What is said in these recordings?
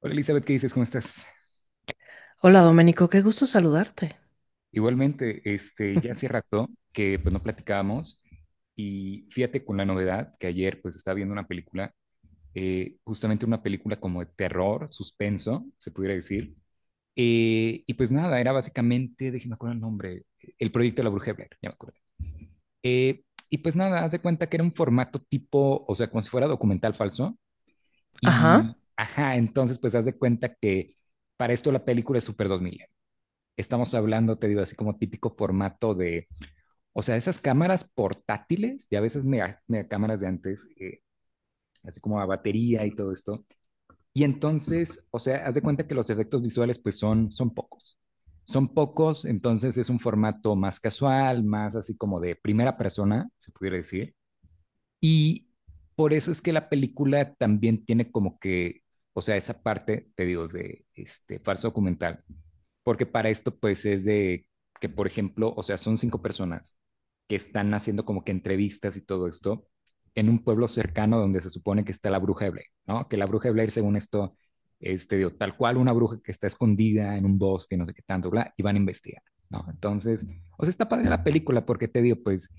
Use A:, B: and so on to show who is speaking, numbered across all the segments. A: Hola Elizabeth, ¿qué dices? ¿Cómo estás?
B: Hola Doménico, qué gusto saludarte.
A: Igualmente, ya hace rato que pues no platicábamos y fíjate con la novedad que ayer pues estaba viendo una película, justamente una película como de terror, suspenso, se pudiera decir, y pues nada, era básicamente, déjeme acordar el nombre, El Proyecto de la Bruja de Blair, ya me acuerdo. Eh, y pues nada, haz de cuenta que era un formato tipo, o sea, como si fuera documental falso
B: Ajá.
A: y, ajá, entonces pues haz de cuenta que para esto la película es súper 2000, estamos hablando, te digo, así como típico formato de, o sea, esas cámaras portátiles, y a veces mega, mega cámaras de antes, así como a batería y todo esto. Y entonces, o sea, haz de cuenta que los efectos visuales pues son pocos. Son pocos, entonces es un formato más casual, más así como de primera persona, se pudiera decir. Y por eso es que la película también tiene como que, o sea, esa parte, te digo, de este falso documental, porque para esto pues es de que, por ejemplo, o sea, son cinco personas que están haciendo como que entrevistas y todo esto en un pueblo cercano donde se supone que está la bruja de Blair, ¿no? Que la bruja de Blair, según esto, digo, tal cual una bruja que está escondida en un bosque, no sé qué tanto, bla, y van a investigar, ¿no? Entonces, o sea, está padre la película porque te digo, pues,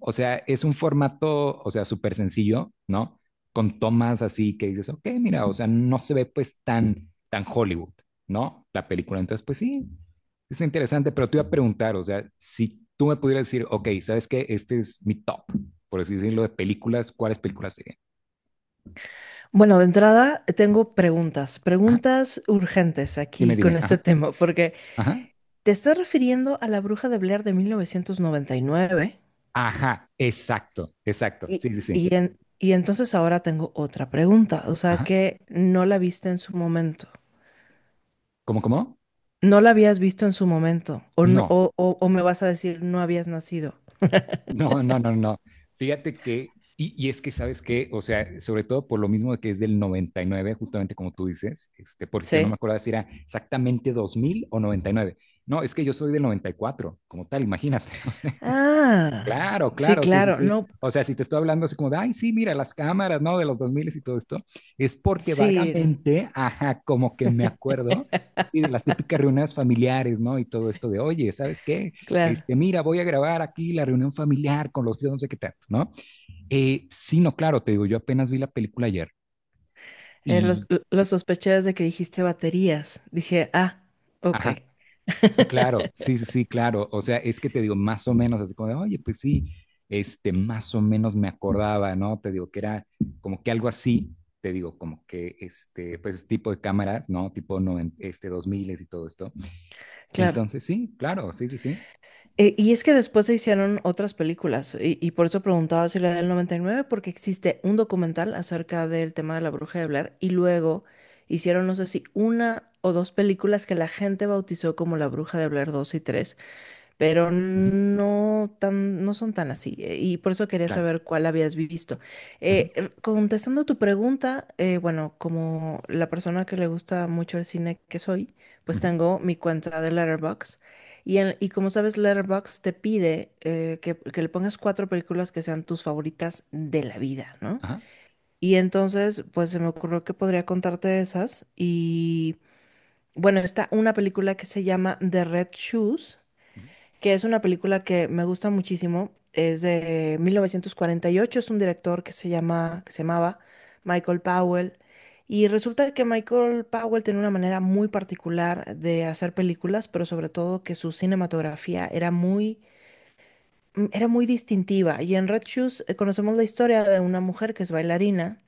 A: o sea, es un formato, o sea, súper sencillo, ¿no? Con tomas así que dices, ok, mira, o sea, no se ve pues tan, tan Hollywood, ¿no? La película. Entonces, pues sí, es interesante, pero te iba a preguntar, o sea, si tú me pudieras decir, ok, ¿sabes qué? Este es mi top, por así decirlo, de películas, ¿cuáles películas serían?
B: Bueno, de entrada tengo preguntas,
A: Ajá,
B: preguntas urgentes
A: dime,
B: aquí con
A: dime,
B: este
A: ajá,
B: tema, porque
A: ajá,
B: te estás refiriendo a la Bruja de Blair de 1999
A: ajá, exacto, exacto,
B: y,
A: sí, sí, sí,
B: y entonces ahora tengo otra pregunta, o sea
A: ajá,
B: que no la viste en su momento,
A: ¿cómo, cómo?
B: no la habías visto en su momento, o, no-
A: No,
B: o, o- o me vas a decir no habías nacido,
A: no, no, no, no. Fíjate que, y es que sabes que, o sea, sobre todo por lo mismo de que es del 99, justamente como tú dices, porque yo no me
B: ¿sí?
A: acordaba si era exactamente 2000 o 99. No, es que yo soy del 94 como tal, imagínate. O sea,
B: Ah,
A: claro,
B: sí,
A: claro, sí, sí,
B: claro,
A: sí.
B: no,
A: O sea, si te estoy hablando así como de, ay, sí, mira, las cámaras, ¿no? De los 2000 y todo esto, es porque
B: sí,
A: vagamente, ajá, como que me acuerdo, sí, de las típicas reuniones familiares, ¿no? Y todo esto de, oye, ¿sabes qué?
B: claro.
A: Mira, voy a grabar aquí la reunión familiar con los tíos, no sé qué tanto, ¿no? Sí, no, claro, te digo, yo apenas vi la película ayer
B: Los,
A: y,
B: lo sospeché desde que dijiste baterías, dije, ah, ok.
A: ajá, sí, claro, sí, sí, sí, claro. O sea, es que te digo, más o menos, así como de, oye, pues sí, más o menos me acordaba, ¿no? Te digo que era como que algo así, te digo, como que pues tipo de cámaras, ¿no? Tipo 2000 y todo esto.
B: Claro.
A: Entonces, sí, claro, sí, sí, sí.
B: Y es que después se hicieron otras películas, y por eso preguntaba si la del 99 porque existe un documental acerca del tema de la bruja de Blair, y luego hicieron, no sé si una o dos películas que la gente bautizó como La Bruja de Blair 2 y 3 pero
A: Ujú,
B: no son tan así. Y por eso quería
A: claro.
B: saber cuál habías visto.
A: Ujú,
B: Contestando tu pregunta, bueno, como la persona que le gusta mucho el cine que soy, pues
A: ujú,
B: tengo mi cuenta de Letterboxd. Y como sabes, Letterboxd te pide que le pongas cuatro películas que sean tus favoritas de la vida, ¿no?
A: ajá,
B: Y entonces, pues se me ocurrió que podría contarte esas. Y bueno, está una película que se llama The Red Shoes
A: ujú,
B: que es una película que me gusta muchísimo. Es de 1948, es un director que se llamaba Michael Powell. Y resulta que Michael Powell tenía una manera muy particular de hacer películas, pero sobre todo que su cinematografía era muy distintiva. Y en Red Shoes conocemos la historia de una mujer que es bailarina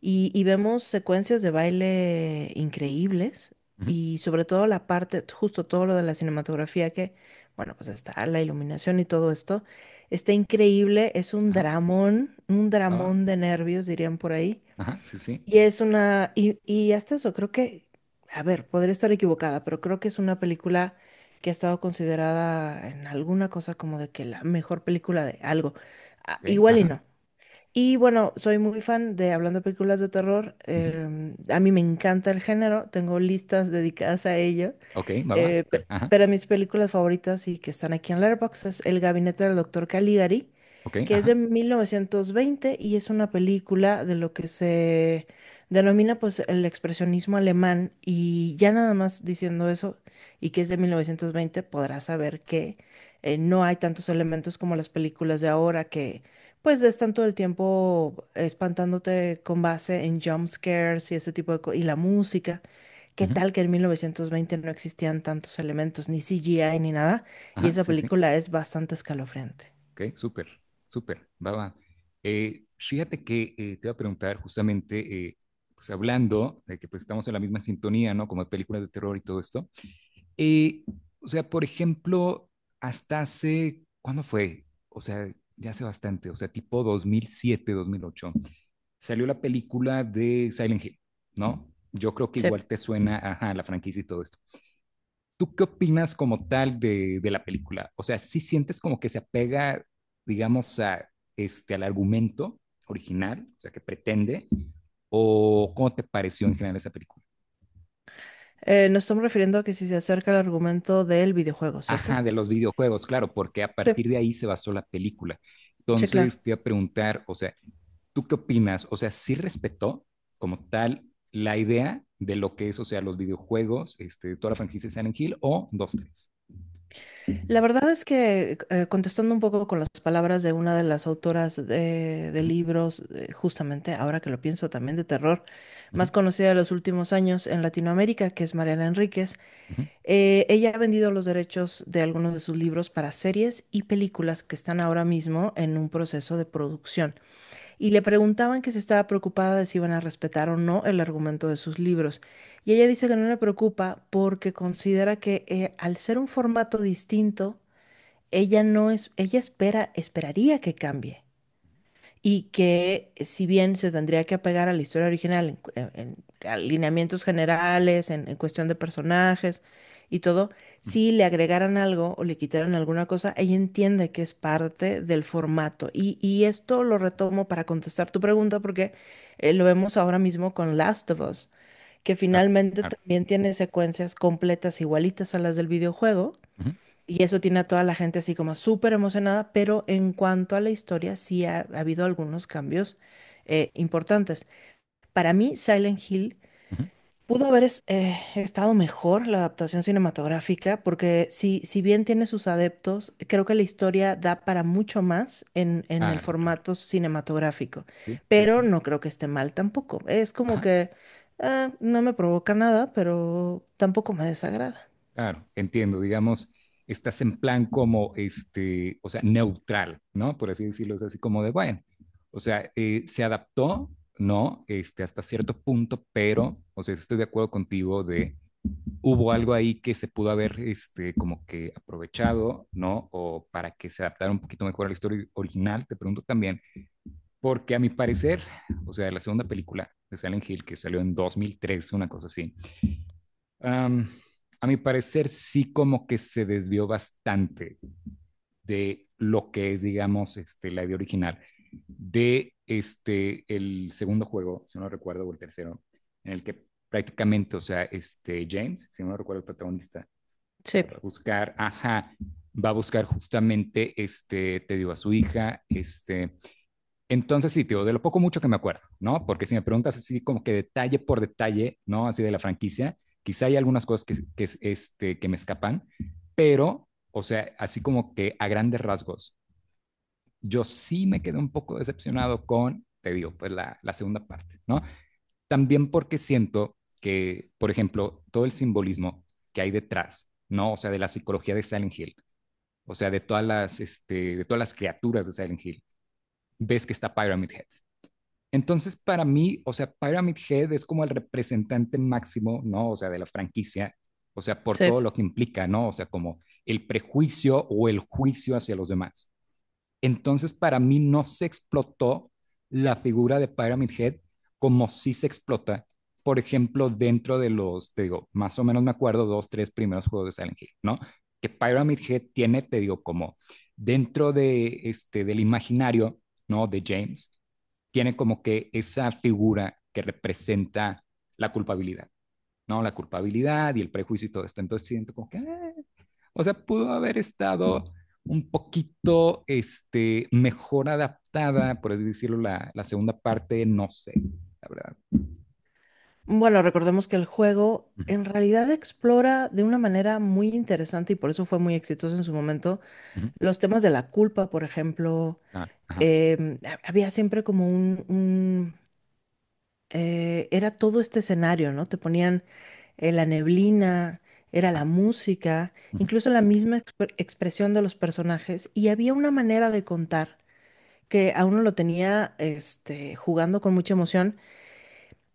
B: y vemos secuencias de baile increíbles
A: ujú,
B: y sobre todo la parte, justo todo lo de la cinematografía que, bueno, pues está la iluminación y todo esto, está increíble, es
A: ajá,
B: un
A: va, va,
B: dramón de nervios, dirían por ahí.
A: ajá, sí, sí,
B: Y hasta eso, creo que, a ver, podría estar equivocada, pero creo que es una película que ha estado considerada en alguna cosa como de que la mejor película de algo. Ah,
A: ok,
B: igual y
A: ajá,
B: no. Y bueno, soy muy fan de, hablando de películas de terror,
A: ujú,
B: a mí me encanta el género, tengo listas dedicadas a ello.
A: ok, va, va,
B: Eh,
A: súper,
B: pe-
A: ajá,
B: pero mis películas favoritas y que están aquí en Letterboxd es El Gabinete del Doctor Caligari,
A: ok,
B: que es de
A: ajá,
B: 1920 y es una película de lo que se denomina pues el expresionismo alemán y ya nada más diciendo eso y que es de 1920 podrás saber que no hay tantos elementos como las películas de ahora que pues están todo el tiempo espantándote con base en jump scares y ese tipo de cosas y la música. ¿Qué
A: ujú,
B: tal que en 1920 no existían tantos elementos, ni CGI ni nada? Y
A: ajá,
B: esa
A: sí, sí.
B: película es bastante escalofriante.
A: Ok, súper, súper, va, va. Fíjate que te iba a preguntar justamente, pues hablando de que pues estamos en la misma sintonía, ¿no? Como de películas de terror y todo esto. Eh, o sea, por ejemplo, hasta hace, ¿cuándo fue? O sea, ya hace bastante, o sea, tipo dos mil siete, dos mil ocho, salió la película de Silent Hill, ¿no? Yo creo que
B: Sí.
A: igual te suena, ajá, la franquicia y todo esto. ¿Tú qué opinas como tal de, la película? O sea, ¿sí sientes como que se apega, digamos, al argumento original, o sea, que pretende? ¿O cómo te pareció en general esa película?
B: Nos estamos refiriendo a que si se acerca el argumento del videojuego, ¿cierto?
A: Ajá, de los videojuegos, claro, porque a
B: Sí,
A: partir de ahí se basó la película.
B: sí, claro.
A: Entonces, te iba a preguntar, o sea, ¿tú qué opinas? O sea, ¿sí respetó como tal la idea de lo que es, o sea, los videojuegos, toda la franquicia de Silent Hill o dos tres.
B: La verdad es que, contestando un poco con las palabras de una de las autoras de
A: Ujú,
B: libros, justamente ahora que lo pienso también de terror,
A: ujú,
B: más conocida de los últimos años en Latinoamérica, que es Mariana Enríquez,
A: ujú,
B: ella ha vendido los derechos de algunos de sus libros para series y películas que están ahora mismo en un proceso de producción. Y le preguntaban que si estaba preocupada de si iban a respetar o no el argumento de sus libros. Y ella dice que no le preocupa porque considera que al ser un formato distinto, ella no es, ella espera, esperaría que cambie y que si bien se tendría que apegar a la historia original en alineamientos generales, en cuestión de personajes y todo,
A: ujú.
B: si le agregaran algo o le quitaran alguna cosa, ella entiende que es parte del formato. Y esto lo retomo para contestar tu pregunta porque lo vemos ahora mismo con Last of Us, que
A: Claro,
B: finalmente
A: claro.
B: también tiene secuencias completas igualitas a las del videojuego
A: Ujú.
B: y eso tiene a toda la gente así como súper emocionada, pero en cuanto a la historia sí ha habido algunos cambios importantes. Para mí, Silent Hill
A: Ujú.
B: pudo haber estado mejor la adaptación cinematográfica, porque si bien tiene sus adeptos, creo que la historia da para mucho más en el
A: Claro, claro.
B: formato cinematográfico,
A: Sí, sí,
B: pero
A: sí.
B: no creo que esté mal tampoco. Es como
A: Ajá,
B: que ah, no me provoca nada, pero tampoco me desagrada.
A: claro, entiendo. Digamos, estás en plan como, o sea, neutral, ¿no? Por así decirlo, es así como de, bueno, o sea, se adaptó, ¿no? Hasta cierto punto, pero, o sea, estoy de acuerdo contigo de, hubo algo ahí que se pudo haber, como que aprovechado, ¿no? O para que se adaptara un poquito mejor a la historia original, te pregunto también, porque a mi parecer, o sea, la segunda película de Silent Hill, que salió en 2003, una cosa así. Um, a mi parecer, sí como que se desvió bastante de lo que es, digamos, la idea original de este, el segundo juego, si no recuerdo, o el tercero, en el que prácticamente, o sea, James, si no recuerdo, el protagonista, va
B: Sí,
A: a buscar, ajá, va a buscar justamente, te digo, a su hija, entonces, sí, tío, de lo poco mucho que me acuerdo, ¿no? Porque si me preguntas así como que detalle por detalle, ¿no? Así de la franquicia, quizá hay algunas cosas que, que me escapan, pero, o sea, así como que a grandes rasgos, yo sí me quedé un poco decepcionado con, te digo, pues la, segunda parte, ¿no? También porque siento que, por ejemplo, todo el simbolismo que hay detrás, ¿no? O sea, de la psicología de Silent Hill, o sea, de todas de todas las criaturas de Silent Hill, ves que está Pyramid Head, entonces, para mí, o sea, Pyramid Head es como el representante máximo, ¿no? O sea, de la franquicia, o sea, por
B: sí.
A: todo lo que implica, ¿no? O sea, como el prejuicio o el juicio hacia los demás. Entonces, para mí no se explotó la figura de Pyramid Head como sí se explota, por ejemplo, dentro de los, te digo, más o menos me acuerdo, dos, tres primeros juegos de Silent Hill, ¿no? Que Pyramid Head tiene, te digo, como dentro de del imaginario, ¿no? De James, tiene como que esa figura que representa la culpabilidad, ¿no? La culpabilidad y el prejuicio y todo esto. Entonces siento como que, ah, o sea, pudo haber estado un poquito mejor adaptada, por así decirlo, la, segunda parte, no sé, la verdad.
B: Bueno, recordemos que el juego
A: Ujú,
B: en realidad explora de una manera muy interesante y por eso fue muy exitoso en su momento
A: ujú,
B: los temas de la culpa, por ejemplo.
A: claro. Ajá,
B: Había siempre como era todo este escenario, ¿no? Te ponían la neblina, era la
A: exacto.
B: música,
A: Ujú,
B: incluso la misma expresión de los personajes y había una manera de contar que a uno lo tenía jugando con mucha emoción.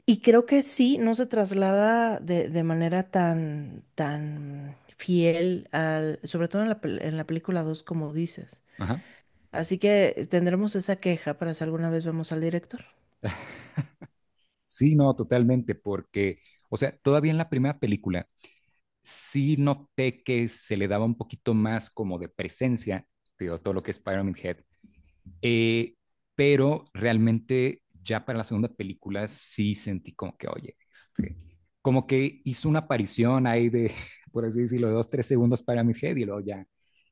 B: Y creo que sí, no se traslada de manera tan, tan fiel sobre todo en la película 2 como dices.
A: ajá.
B: Así que tendremos esa queja para si alguna vez vemos al director.
A: Sí, no, totalmente, porque, o sea, todavía en la primera película sí noté que se le daba un poquito más como de presencia, digo, todo lo que es Pyramid Head. Eh, pero realmente ya para la segunda película sí sentí como que, oye, como que hizo una aparición ahí de, por así decirlo, de dos, tres segundos para mi head y luego ya,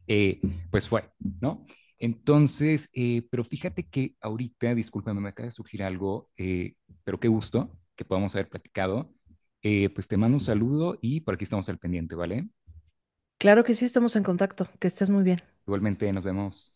A: eh, pues fue, ¿no? Entonces, pero fíjate que ahorita, discúlpame, me acaba de surgir algo, pero qué gusto que podamos haber platicado. Pues te mando un saludo y por aquí estamos al pendiente, ¿vale?
B: Claro que sí, estamos en contacto. Que estés muy bien.
A: Igualmente nos vemos.